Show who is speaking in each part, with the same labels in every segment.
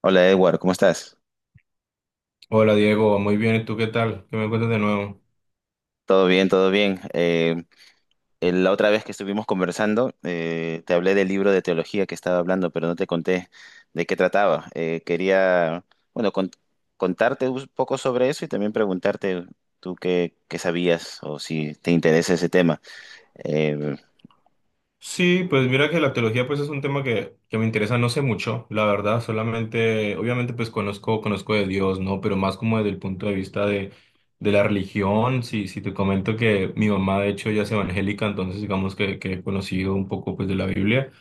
Speaker 1: Hola Edward, ¿cómo estás?
Speaker 2: Hola Diego, muy bien, ¿y tú qué tal? ¿Qué me cuentas de nuevo?
Speaker 1: Todo bien, todo bien. La otra vez que estuvimos conversando, te hablé del libro de teología que estaba hablando, pero no te conté de qué trataba. Quería, bueno, contarte un poco sobre eso y también preguntarte tú qué sabías o si te interesa ese tema. Eh,
Speaker 2: Sí, pues mira que la teología pues es un tema que me interesa no sé mucho, la verdad. Solamente, obviamente, pues conozco, conozco de Dios, ¿no? Pero más como desde el punto de vista de la religión. Si, si te comento que mi mamá de hecho ya es evangélica, entonces digamos que he conocido un poco pues de la Biblia.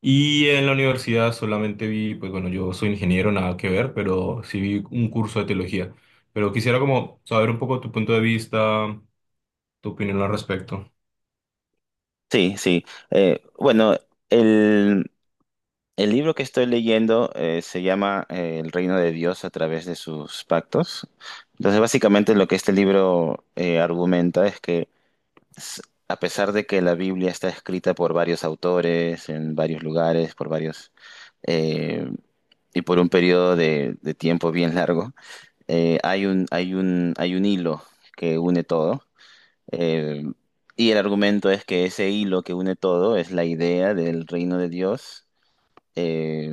Speaker 2: Y en la universidad solamente vi, pues bueno, yo soy ingeniero, nada que ver, pero sí vi un curso de teología. Pero quisiera como saber un poco tu punto de vista, tu opinión al respecto.
Speaker 1: sí, sí. Bueno, el libro que estoy leyendo se llama, El reino de Dios a través de sus pactos. Entonces, básicamente lo que este libro argumenta es que s- a pesar de que la Biblia está escrita por varios autores, en varios lugares, por varios, eh, y por un periodo de tiempo bien largo, hay un hilo que une todo. eh, y el argumento es que ese hilo que une todo es la idea del reino de Dios, eh,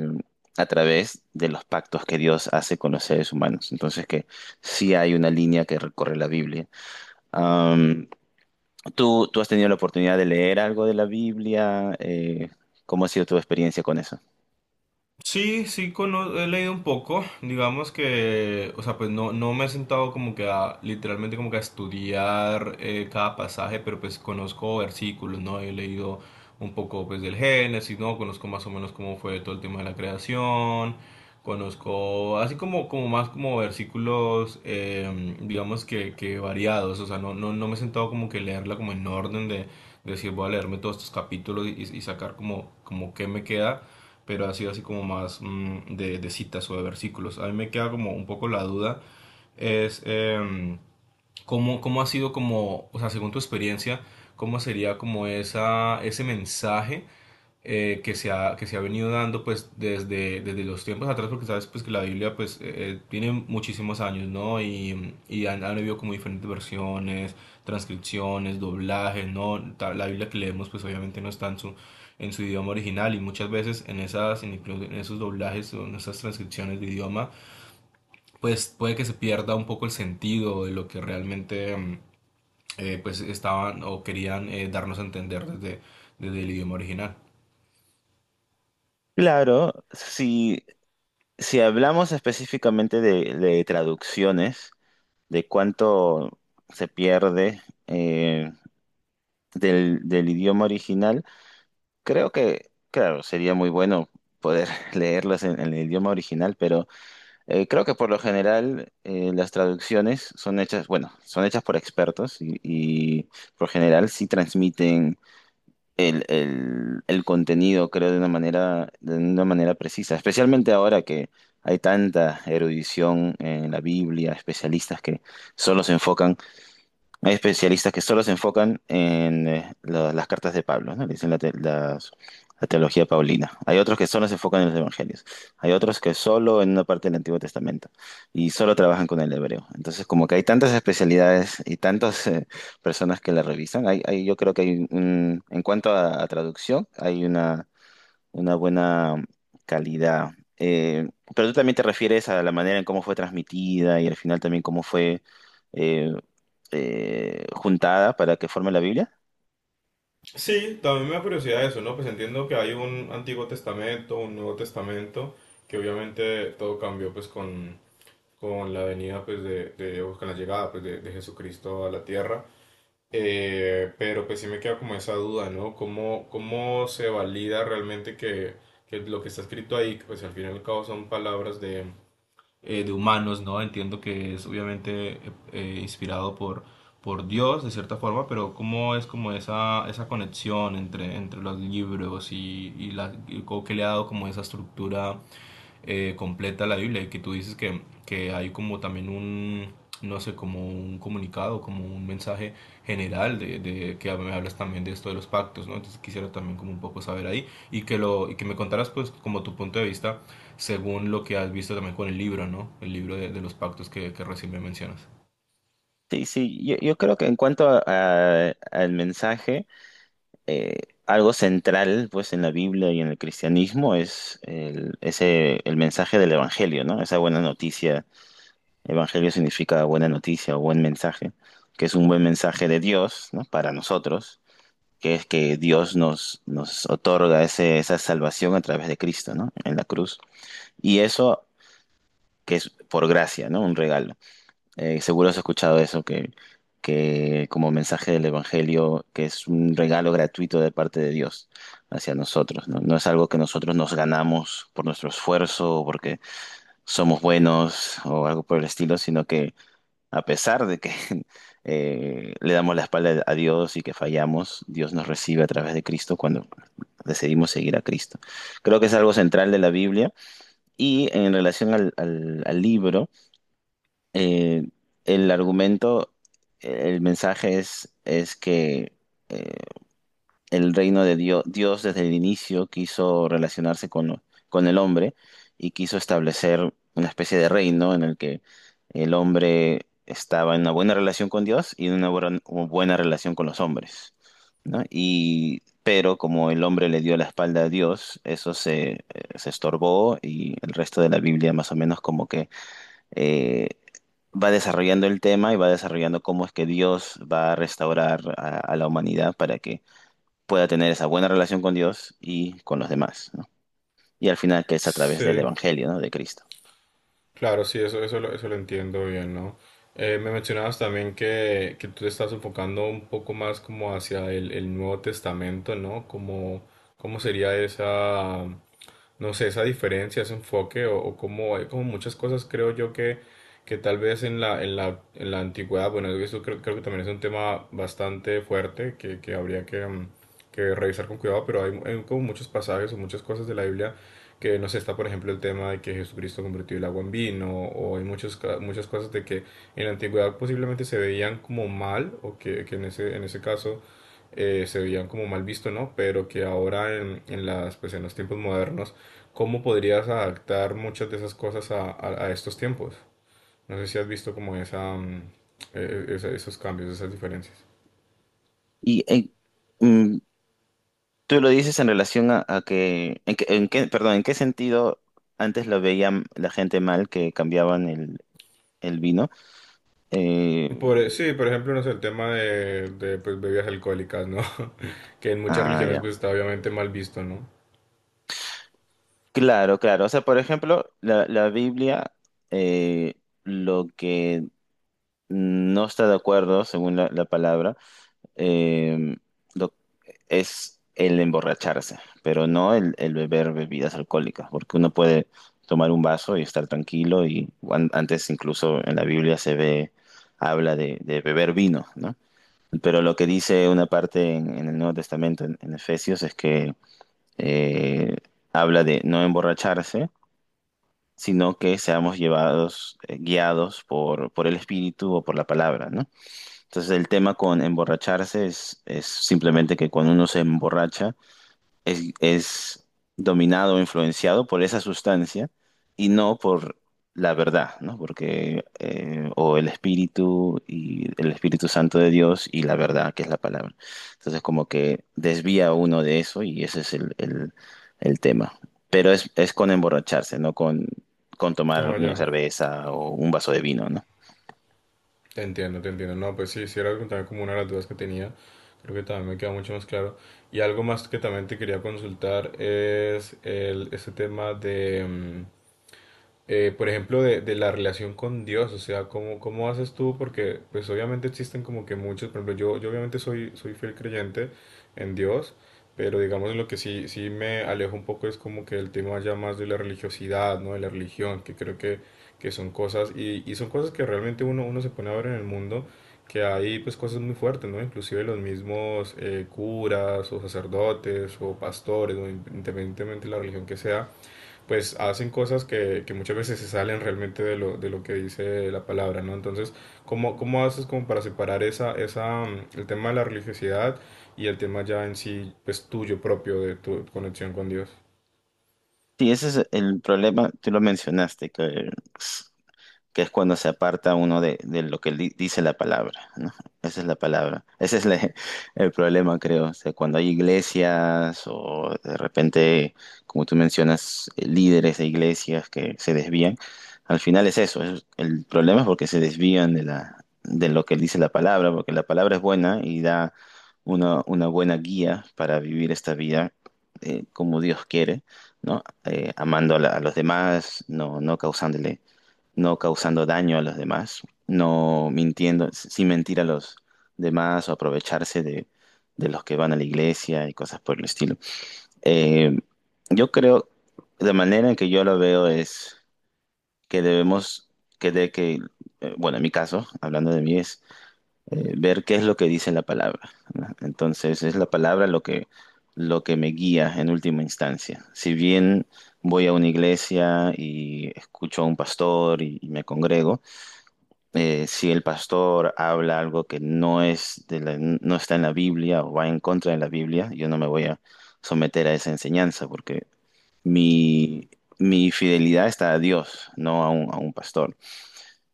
Speaker 1: a través de los pactos que Dios hace con los seres humanos. Entonces que sí hay una línea que recorre la Biblia. Am, ¿tú has tenido la oportunidad de leer algo de la Biblia? ¿Cómo ha sido tu experiencia con eso?
Speaker 2: Sí, sí, he leído un poco. Digamos que, o sea, pues no, no me he sentado como que a, literalmente como que a estudiar cada pasaje, pero pues conozco versículos, ¿no? He leído un poco pues del Génesis, ¿no? Conozco más o menos cómo fue todo el tema de la creación, conozco así como, como más como versículos, digamos que variados. O sea, no, no, no me he sentado como que leerla como en orden de decir voy a leerme todos estos capítulos y sacar como, como qué me queda, pero ha sido así como más mm, de citas o de versículos. A mí me queda como un poco la duda, es ¿cómo, cómo ha sido como, o sea, según tu experiencia, cómo sería como esa, ese mensaje que se ha venido dando pues desde, desde los tiempos atrás? Porque sabes pues que la Biblia pues tiene muchísimos años, ¿no? Y han, han habido como diferentes versiones, transcripciones, doblajes, ¿no? La Biblia que leemos pues obviamente no está en su idioma original, y muchas veces en esas, en incluso en esos doblajes o en esas transcripciones de idioma pues puede que se pierda un poco el sentido de lo que realmente mm, pues estaban o querían darnos a entender desde, desde el idioma original.
Speaker 1: Claro, si, si hablamos específicamente de traducciones, de cuánto se pierde, eh, del, del idioma original, creo que, claro, sería muy bueno poder leerlos en el idioma original, pero... Creo que por lo general las traducciones son hechas, bueno, son hechas por expertos y por general sí transmiten el contenido, creo, de una manera precisa. Especialmente ahora que hay tanta erudición en la Biblia, especialistas que solo se enfocan, hay especialistas que solo se enfocan en las cartas de Pablo, ¿no? Le dicen la, la teología paulina. Hay otros que solo se enfocan en los evangelios. Hay otros que solo en una parte del Antiguo Testamento y solo trabajan con el hebreo. Entonces, como que hay tantas especialidades y tantas, personas que la revisan, yo creo que en cuanto a traducción, hay una buena calidad. Eh, pero tú también te refieres a la manera en cómo fue transmitida y al final también cómo fue eh, juntada para que forme la Biblia.
Speaker 2: Sí, también me da curiosidad eso, ¿no? Pues entiendo que hay un Antiguo Testamento, un Nuevo Testamento, que obviamente todo cambió pues con la venida pues de, o con la llegada pues de Jesucristo a la tierra. Pero pues sí me queda como esa duda, ¿no? ¿Cómo, cómo se valida realmente que lo que está escrito ahí, pues al fin y al cabo son palabras de humanos, ¿no? Entiendo que es obviamente inspirado por Dios, de cierta forma, pero ¿cómo es como esa conexión entre, entre los libros y, la, y cómo que le ha dado como esa estructura completa la Biblia, y que tú dices que hay como también un, no sé, como un comunicado, como un mensaje general de que me hablas también de esto de los pactos, ¿no? Entonces quisiera también como un poco saber ahí y que lo y que me contaras pues como tu punto de vista según lo que has visto también con el libro, ¿no? El libro de los pactos que recién me mencionas.
Speaker 1: Sí, sí, yo creo que en cuanto al mensaje, eh, algo central pues en la Biblia y en el cristianismo es el, ese, el mensaje del Evangelio, ¿no? Esa buena noticia. Evangelio significa buena noticia o buen mensaje, que es un buen mensaje de Dios, ¿no? Para nosotros, que es que Dios nos otorga ese, esa salvación a través de Cristo, ¿no? En la cruz. Y eso que es por gracia, ¿no? Un regalo. Seguro has escuchado eso, que como mensaje del Evangelio, que es un regalo gratuito de parte de Dios hacia nosotros, ¿no? No es algo que nosotros nos ganamos por nuestro esfuerzo o porque somos buenos o algo por el estilo, sino que a pesar de que le damos la espalda a Dios y que fallamos, Dios nos recibe a través de Cristo cuando decidimos seguir a Cristo. Creo que es algo central de la Biblia y en relación al libro, eh, el argumento, el mensaje es que eh, el reino de Dios, Dios desde el inicio quiso relacionarse con, con el hombre y quiso establecer una especie de reino en el que el hombre estaba en una buena relación con Dios y en una buena relación con los hombres, ¿no? Y, pero como el hombre le dio la espalda a Dios, eso se, se estorbó y el resto de la Biblia más o menos como que eh, va desarrollando el tema y va desarrollando cómo es que Dios va a restaurar a la humanidad para que pueda tener esa buena relación con Dios y con los demás, ¿no? Y al final que es a través del
Speaker 2: Sí.
Speaker 1: Evangelio, ¿no? De Cristo.
Speaker 2: Claro, sí, eso, eso lo entiendo bien, ¿no? Me mencionabas también que tú te estás enfocando un poco más como hacia el Nuevo Testamento, ¿no? Como, ¿cómo sería esa, no sé, esa diferencia, ese enfoque? O como hay como muchas cosas, creo yo, que tal vez en la, en la, en la antigüedad, bueno, eso creo, creo que también es un tema bastante fuerte que habría que, mm, que revisar con cuidado, pero hay como muchos pasajes o muchas cosas de la Biblia que no sé, está por ejemplo el tema de que Jesucristo convirtió el agua en vino, o hay muchos, muchas cosas de que en la antigüedad posiblemente se veían como mal, o que en ese caso se veían como mal visto, ¿no? Pero que ahora en las, pues en los tiempos modernos, ¿cómo podrías adaptar muchas de esas cosas a, a estos tiempos? No sé si has visto como esa, mm, esos cambios, esas diferencias.
Speaker 1: Y mm, tú lo dices en relación a que, en en qué, perdón, ¿en qué sentido antes lo veían la gente mal que cambiaban el vino? Eh,
Speaker 2: Por, e, sí, por ejemplo, no sé, el tema de, pues, bebidas alcohólicas, ¿no? Que en muchas
Speaker 1: ah,
Speaker 2: religiones
Speaker 1: ya.
Speaker 2: pues está obviamente mal visto, ¿no?
Speaker 1: Claro, claro. O sea, por ejemplo, la, la Biblia, eh, lo que no está de acuerdo, según la, la palabra, eh, lo- es el emborracharse, pero no el, el beber bebidas alcohólicas, porque uno puede tomar un vaso y estar tranquilo, y antes incluso en la Biblia se ve, habla de beber vino, ¿no? Pero lo que dice una parte en el Nuevo Testamento, en Efesios, es que eh, habla de no emborracharse, sino que seamos llevados, guiados por el Espíritu o por la palabra, ¿no? Entonces el tema con emborracharse es simplemente que cuando uno se emborracha es dominado o influenciado por esa sustancia y no por la verdad, ¿no? Porque o el Espíritu y el Espíritu Santo de Dios y la verdad, que es la palabra. Entonces como que desvía a uno de eso y ese es el, el tema. Pero es con emborracharse, no con, con tomar
Speaker 2: Ah,
Speaker 1: una
Speaker 2: ya,
Speaker 1: cerveza o un vaso de vino, ¿no?
Speaker 2: te entiendo, te entiendo. No, pues sí, sí era también como una de las dudas que tenía. Creo que también me queda mucho más claro. Y algo más que también te quería consultar es el, ese tema de, mm, por ejemplo, de la relación con Dios, o sea, ¿cómo, cómo haces tú? Porque pues obviamente existen como que muchos, por ejemplo, yo obviamente soy, soy fiel creyente en Dios, pero digamos lo que sí, sí me alejo un poco es como que el tema ya más de la religiosidad, ¿no? De la religión, que creo que son cosas, y son cosas que realmente uno, uno se pone a ver en el mundo, que hay pues cosas muy fuertes, ¿no? Inclusive los mismos curas o sacerdotes o pastores, o independientemente de la religión que sea pues hacen cosas que muchas veces se salen realmente de lo que dice la palabra, ¿no? Entonces, ¿cómo, cómo haces como para separar esa, esa, mm, el tema de la religiosidad y el tema ya en sí, pues tuyo propio, de tu conexión con Dios?
Speaker 1: Sí, ese es el problema, tú lo mencionaste, que s- que es cuando se aparta uno de lo que dice la palabra, ¿no? Esa es la palabra. Ese es el problema, creo. O sea, cuando hay iglesias o de repente, como tú mencionas, líderes de iglesias que se desvían, al final es eso. El problema es porque se desvían de la, de lo que dice la palabra, porque la palabra es buena y da una buena guía para vivir esta vida, como Dios quiere, ¿no? Amando a, a los demás, no causándole no causando daño a los demás, no mintiendo, sin mentir a los demás o aprovecharse de los que van a la iglesia y cosas por el estilo. Eh, yo creo, la manera en que yo lo veo es que debemos, que de que, bueno, en mi caso, hablando de mí, es ver qué es lo que dice la palabra. ¿No? Entonces, es la palabra lo que me guía en última instancia. Si bien voy a una iglesia y escucho a un pastor y me congrego, si el pastor habla algo que no es de no está en la Biblia o va en contra de la Biblia, yo no me voy a someter a esa enseñanza porque mi, mi fidelidad está a Dios, no a un, a un pastor.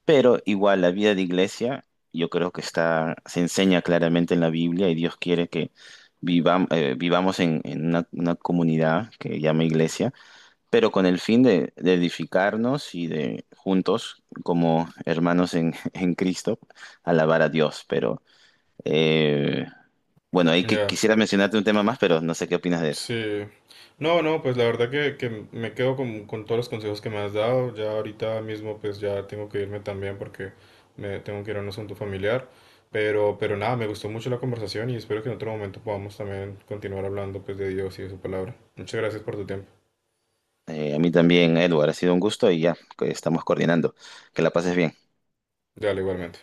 Speaker 1: Pero igual la vida de iglesia yo creo que está, se enseña claramente en la Biblia y Dios quiere que vivamos en una comunidad que llama iglesia pero con el fin de edificarnos y de juntos, como hermanos en, en Cristo, alabar a Dios. Pero eh, bueno, ahí que,
Speaker 2: Ya.
Speaker 1: quisiera mencionarte un tema más, pero no sé qué opinas de eso.
Speaker 2: Sí. No, no, pues la verdad que me quedo con todos los consejos que me has dado. Ya ahorita mismo pues ya tengo que irme también porque me tengo que ir a un asunto familiar. Pero nada, me gustó mucho la conversación y espero que en otro momento podamos también continuar hablando pues de Dios y de su palabra. Muchas gracias por tu tiempo.
Speaker 1: A mí también, Edward, ha sido un gusto y ya que estamos coordinando. Que la pases bien.
Speaker 2: Dale, igualmente.